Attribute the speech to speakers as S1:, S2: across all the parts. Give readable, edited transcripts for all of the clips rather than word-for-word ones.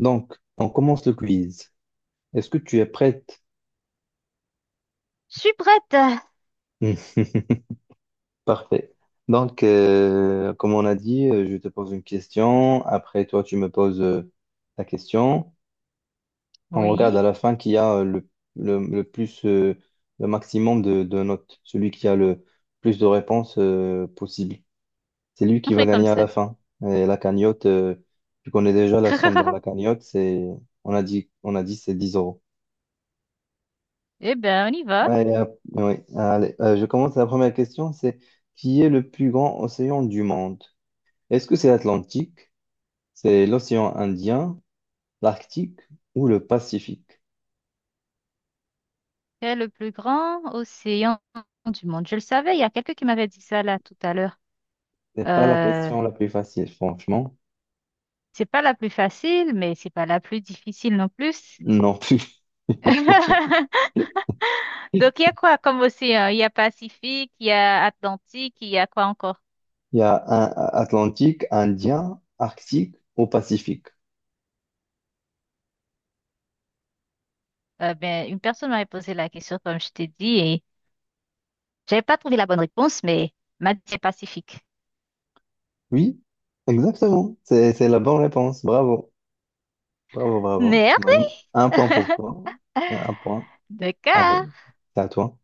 S1: Donc, on commence le quiz. Est-ce que tu es prête?
S2: Je suis prête.
S1: Parfait. Donc, comme on a dit, je te pose une question. Après, toi, tu me poses ta question. On regarde à
S2: Oui,
S1: la fin qui a le, le plus, le maximum de notes. Celui qui a le plus de réponses possible. C'est lui
S2: on
S1: qui va
S2: fait comme
S1: gagner à
S2: ça.
S1: la fin. Et la cagnotte, tu connais déjà la somme dans la cagnotte. C'est, on a dit c'est 10 euros.
S2: Eh ben, on y va.
S1: Allez, hop, oui, allez, je commence la première question, c'est qui est le plus grand océan du monde? Est-ce que c'est l'Atlantique, c'est l'océan Indien, l'Arctique ou le Pacifique?
S2: Quel est le plus grand océan du monde? Je le savais, il y a quelqu'un qui m'avait dit ça là tout à l'heure.
S1: C'est pas la
S2: Euh,
S1: question la plus facile, franchement.
S2: c'est pas la plus facile, mais c'est pas la plus difficile non plus.
S1: Non plus.
S2: Donc, il y a quoi comme océan? Il y a Pacifique, il y a Atlantique, il y a quoi encore?
S1: Il y a un Atlantique, Indien, Arctique ou Pacifique.
S2: Une personne m'avait posé la question, comme je t'ai dit, et j'avais pas trouvé la bonne réponse, mais m'a dit Pacifique.
S1: Oui, exactement. C'est la bonne réponse. Bravo, bravo, bravo.
S2: Merde!
S1: Manu, un point pour toi. Un point. Allez,
S2: D'accord.
S1: c'est à toi.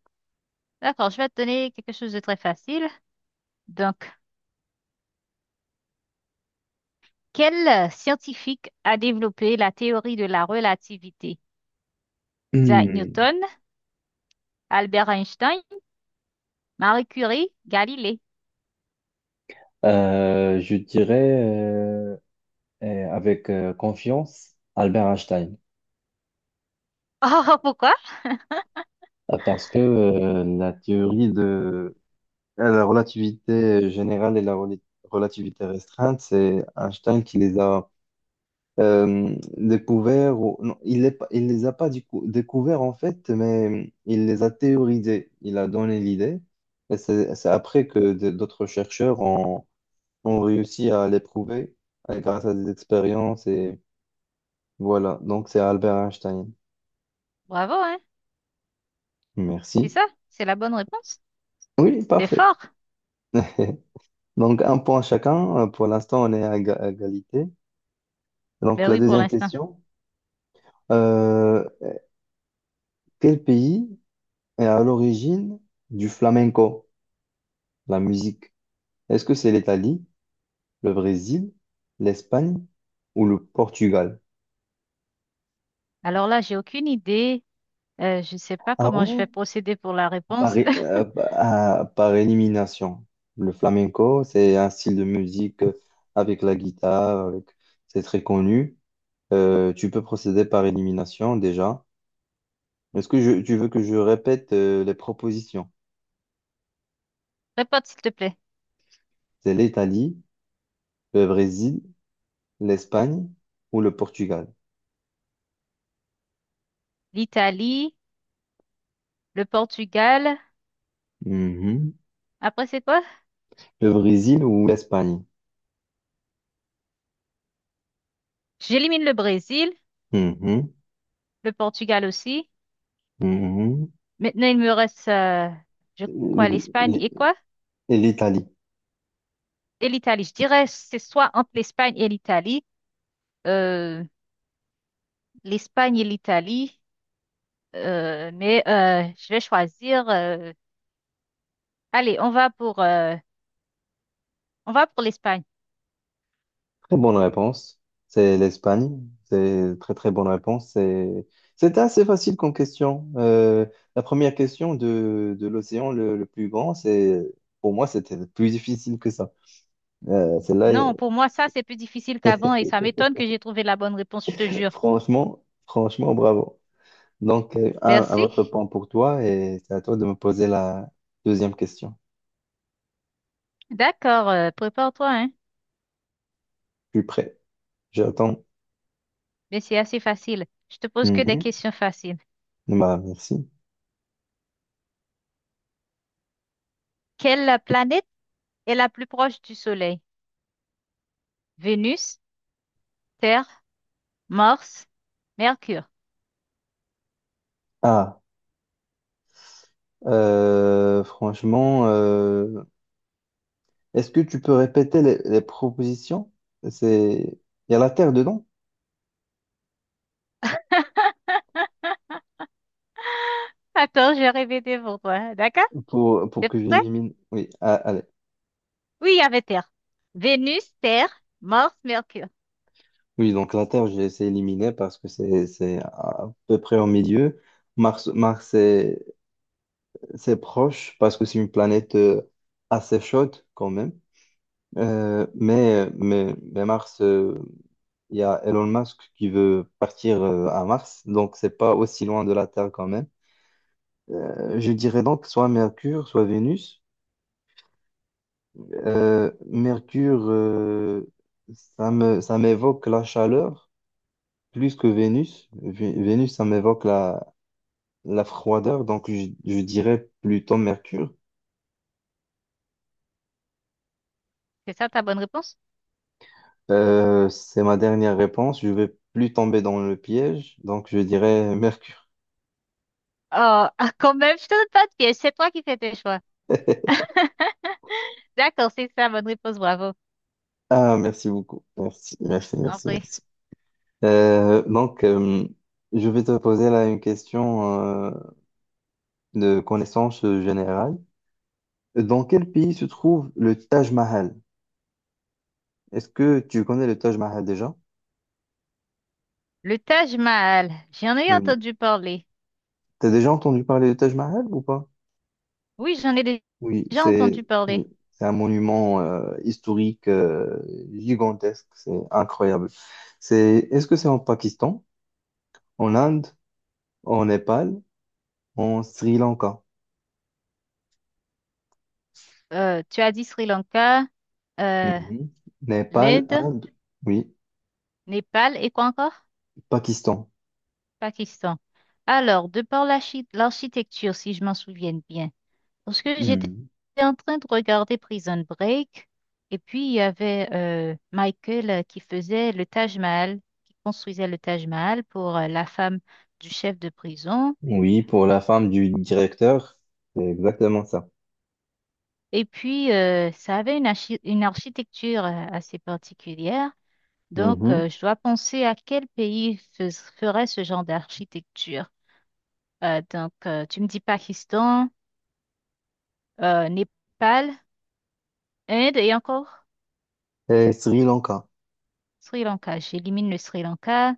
S2: D'accord, je vais te donner quelque chose de très facile. Donc, quel scientifique a développé la théorie de la relativité? Isaac
S1: Hmm.
S2: Newton, Albert Einstein, Marie Curie, Galilée.
S1: Je dirais avec confiance Albert Einstein.
S2: Oh, pourquoi?
S1: Parce que la théorie de la relativité générale et la relativité restreinte, c'est Einstein qui les a découverts, non, il les, il les a pas découverts en fait, mais il les a théorisés, il a donné l'idée, et c'est après que d'autres chercheurs ont réussi à l'éprouver grâce à des expériences. Voilà, donc c'est Albert Einstein.
S2: Bravo, hein? C'est
S1: Merci.
S2: ça, c'est la bonne réponse.
S1: Oui,
S2: C'est
S1: parfait.
S2: fort.
S1: Donc un point chacun. Pour l'instant, on est à égalité. Donc
S2: Ben
S1: la
S2: oui, pour
S1: deuxième
S2: l'instant.
S1: question, euh, quel pays est à l'origine du flamenco, la musique? Est-ce que c'est l'Italie, le Brésil, l'Espagne ou le Portugal?
S2: Alors là, j'ai aucune idée. Je ne sais pas
S1: Ah
S2: comment
S1: ouais?
S2: je vais procéder pour la
S1: Par,
S2: réponse.
S1: é- euh, par élimination. Le flamenco, c'est un style de musique avec la guitare, avec. C'est très connu. Tu peux procéder par élimination déjà. Tu veux que je répète les propositions?
S2: Répète, s'il te plaît.
S1: C'est l'Italie, le Brésil, l'Espagne ou le Portugal?
S2: L'Italie, le Portugal.
S1: Mhm.
S2: Après, c'est quoi?
S1: Le Brésil ou l'Espagne?
S2: J'élimine le Brésil,
S1: Mhm.
S2: le Portugal aussi.
S1: Mhm.
S2: Maintenant, il me reste, je crois,
S1: L-
S2: l'Espagne
S1: l-
S2: et quoi?
S1: Et l'Italie.
S2: Et l'Italie. Je dirais, c'est soit entre l'Espagne et l'Italie, euh, l'Espagne et l'Italie, je vais choisir. On va pour l'Espagne.
S1: Très bonne réponse. C'est l'Espagne. C'est très très bonne réponse. C'était assez facile comme question. La première question de l'océan le plus grand, c'est pour moi c'était plus difficile que ça. Celle-là.
S2: Non, pour moi, ça, c'est plus difficile qu'avant et ça m'étonne que j'ai trouvé la bonne réponse, je te jure.
S1: Franchement, franchement, bravo. Donc, un
S2: Merci.
S1: autre point pour toi et c'est à toi de me poser la deuxième question.
S2: D'accord, prépare-toi, hein.
S1: Je suis prêt. J'attends.
S2: Mais c'est assez facile. Je te pose que des
S1: Mhm.
S2: questions faciles.
S1: Bah, merci.
S2: Quelle planète est la plus proche du Soleil? Vénus, Terre, Morse, Mercure.
S1: Ah, franchement, est-ce que tu peux répéter les propositions? C'est, il y a la terre dedans
S2: Attends, j'ai répété pour toi. D'accord?
S1: pour
S2: T'es
S1: que
S2: prêt?
S1: j'élimine. Oui, ah, allez.
S2: Oui, il y avait Terre. Vénus, Terre, Morse, Mercure.
S1: Oui, donc la terre, j'ai essayé d'éliminer parce que c'est à peu près au milieu. Mars. C'est proche parce que c'est une planète assez chaude quand même. Mais Mars, il y a Elon Musk qui veut partir à Mars, donc c'est pas aussi loin de la Terre quand même. Je dirais donc soit Mercure, soit Vénus. Mercure, ça m'évoque la chaleur plus que Vénus. Vénus, ça m'évoque la froideur, donc je dirais plutôt Mercure.
S2: C'est ça ta bonne réponse?
S1: C'est ma dernière réponse. Je vais plus tomber dans le piège, donc je dirais Mercure.
S2: Oh, ah, quand même, je te donne pas de piège. C'est toi qui fais tes choix. D'accord, c'est ça, bonne réponse, bravo.
S1: Ah, merci beaucoup. Merci, merci, merci,
S2: Après,
S1: merci. Euh, donc, euh, je vais te poser là une question de connaissance générale. Dans quel pays se trouve le Taj Mahal? Est-ce que tu connais le Taj Mahal déjà?
S2: le Taj Mahal, j'en ai
S1: Oui.
S2: entendu parler.
S1: T'as déjà entendu parler du Taj Mahal ou pas?
S2: Oui, j'en ai
S1: Oui,
S2: déjà entendu
S1: c'est oui,
S2: parler.
S1: c'est un monument historique gigantesque, c'est incroyable. Est-ce que c'est en Pakistan, en Inde, en Népal, en Sri Lanka?
S2: Tu as dit Sri Lanka, euh,
S1: Mhm. Népal,
S2: l'Inde,
S1: Inde, oui,
S2: Népal et quoi encore?
S1: Pakistan.
S2: Pakistan. Alors, de par l'architecture, si je m'en souviens bien, parce que j'étais
S1: Mhm.
S2: en train de regarder Prison Break, et puis il y avait Michael qui faisait le Taj Mahal, qui construisait le Taj Mahal pour la femme du chef de prison.
S1: Oui, pour la femme du directeur, c'est exactement ça.
S2: Et puis, ça avait une architecture assez particulière. Donc,
S1: Mhm.
S2: je dois penser à quel pays ferait ce genre d'architecture. Tu me dis Pakistan, Népal. Inde et encore
S1: Et Sri Lanka.
S2: Sri Lanka. J'élimine le Sri Lanka,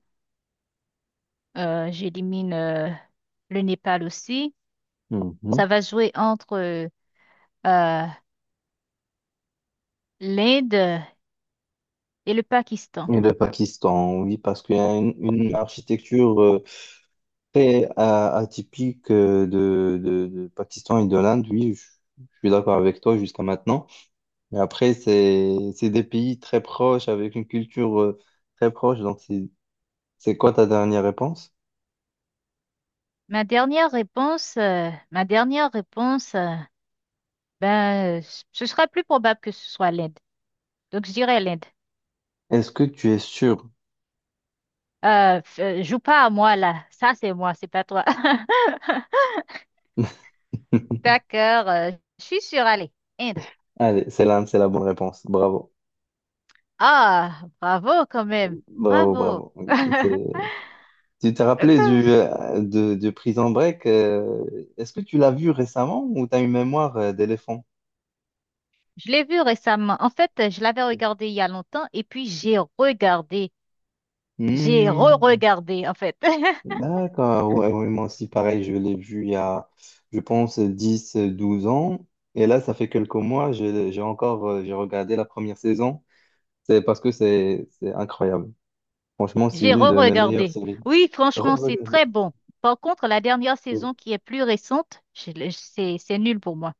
S2: j'élimine le Népal aussi. Ça
S1: Mhm.
S2: va jouer entre euh, l'Inde et le Pakistan.
S1: Et le Pakistan, oui, parce qu'il y a une architecture très atypique de Pakistan et de l'Inde, oui, je suis d'accord avec toi jusqu'à maintenant. Mais après, c'est des pays très proches, avec une culture très proche. Donc, c'est quoi ta dernière réponse?
S2: Ma dernière réponse, ben, euh, ce sera plus probable que ce soit l'Inde. Donc, je dirais,
S1: Est-ce que tu es sûr?
S2: joue pas à moi là. Ça, c'est moi, c'est pas toi. D'accord, je suis sûre. Allez, Inde.
S1: Allez, c'est l'Inde, c'est la bonne réponse. Bravo,
S2: Ah, bravo quand même.
S1: bravo,
S2: Bravo.
S1: bravo. Oui, tu t'es rappelé de Prison Break? Est-ce que tu l'as vu récemment ou tu as une mémoire d'éléphant?
S2: Je l'ai vu récemment. En fait, je l'avais regardé il y a longtemps et puis j'ai regardé. J'ai
S1: Hmm.
S2: re-regardé, en fait.
S1: D'accord, ouais, ouais, moi aussi, pareil, je l'ai vu il y a, je pense, 10, 12 ans. Et là, ça fait quelques mois, j'ai encore, j'ai regardé la première saison. C'est parce que c'est incroyable. Franchement, c'est
S2: J'ai
S1: l'une de mes meilleures
S2: re-regardé.
S1: séries.
S2: Oui, franchement, c'est
S1: Re-regardez.
S2: très bon. Par contre, la dernière
S1: Oui.
S2: saison qui est plus récente, c'est nul pour moi.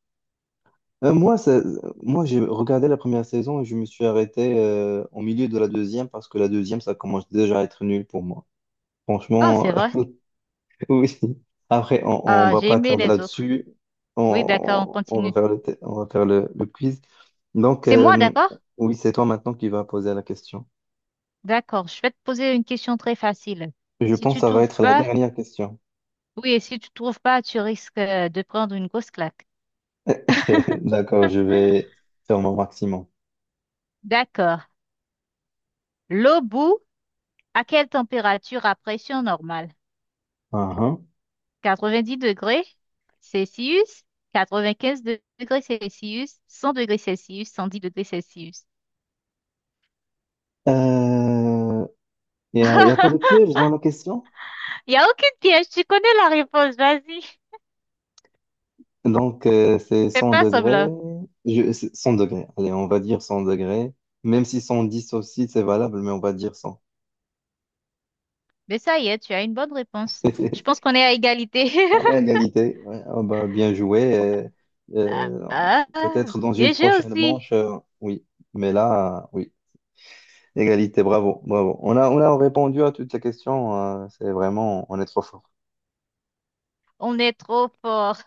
S1: Moi, moi j'ai regardé la première saison et je me suis arrêté au milieu de la deuxième parce que la deuxième, ça commence déjà à être nul pour moi.
S2: Oh,
S1: Franchement.
S2: c'est vrai.
S1: Oui. Après, on
S2: Ah,
S1: va
S2: j'ai
S1: pas
S2: aimé
S1: tarder
S2: les autres.
S1: là-dessus.
S2: Oui, d'accord, on
S1: On va
S2: continue.
S1: faire le, te- on va faire le quiz. Donc,
S2: C'est moi, d'accord?
S1: oui, c'est toi maintenant qui vas poser la question.
S2: D'accord, je vais te poser une question très facile.
S1: Je
S2: Si
S1: pense que
S2: tu
S1: ça va
S2: trouves
S1: être la
S2: pas,
S1: dernière question.
S2: oui, et si tu trouves pas, tu risques de prendre une grosse claque.
S1: D'accord, je vais faire mon maximum.
S2: D'accord. L'eau bout à quelle température à pression normale?
S1: Uhum.
S2: 90 degrés Celsius, 95 degrés Celsius, 100 degrés Celsius, 110 degrés Celsius.
S1: Euh, il y a pas de piège dans la question.
S2: Il n'y a aucune piège, tu connais la réponse, vas-y.
S1: Donc, c'est
S2: Fais
S1: 100
S2: pas
S1: degrés.
S2: semblant.
S1: C'est 100 degrés. Allez, on va dire 100 degrés. Même si 110 aussi, c'est valable, mais on va dire 100.
S2: Mais ça y est, tu as une bonne réponse. Je pense qu'on est à égalité.
S1: On est à égalité. Ouais. Ah bah, bien joué. Et,
S2: Ah,
S1: peut-être dans une
S2: bien joué
S1: prochaine
S2: aussi.
S1: manche, oui. Mais là, oui. Égalité, bravo, bravo. On a répondu à toutes les questions. C'est vraiment, on est trop fort.
S2: On est trop fort.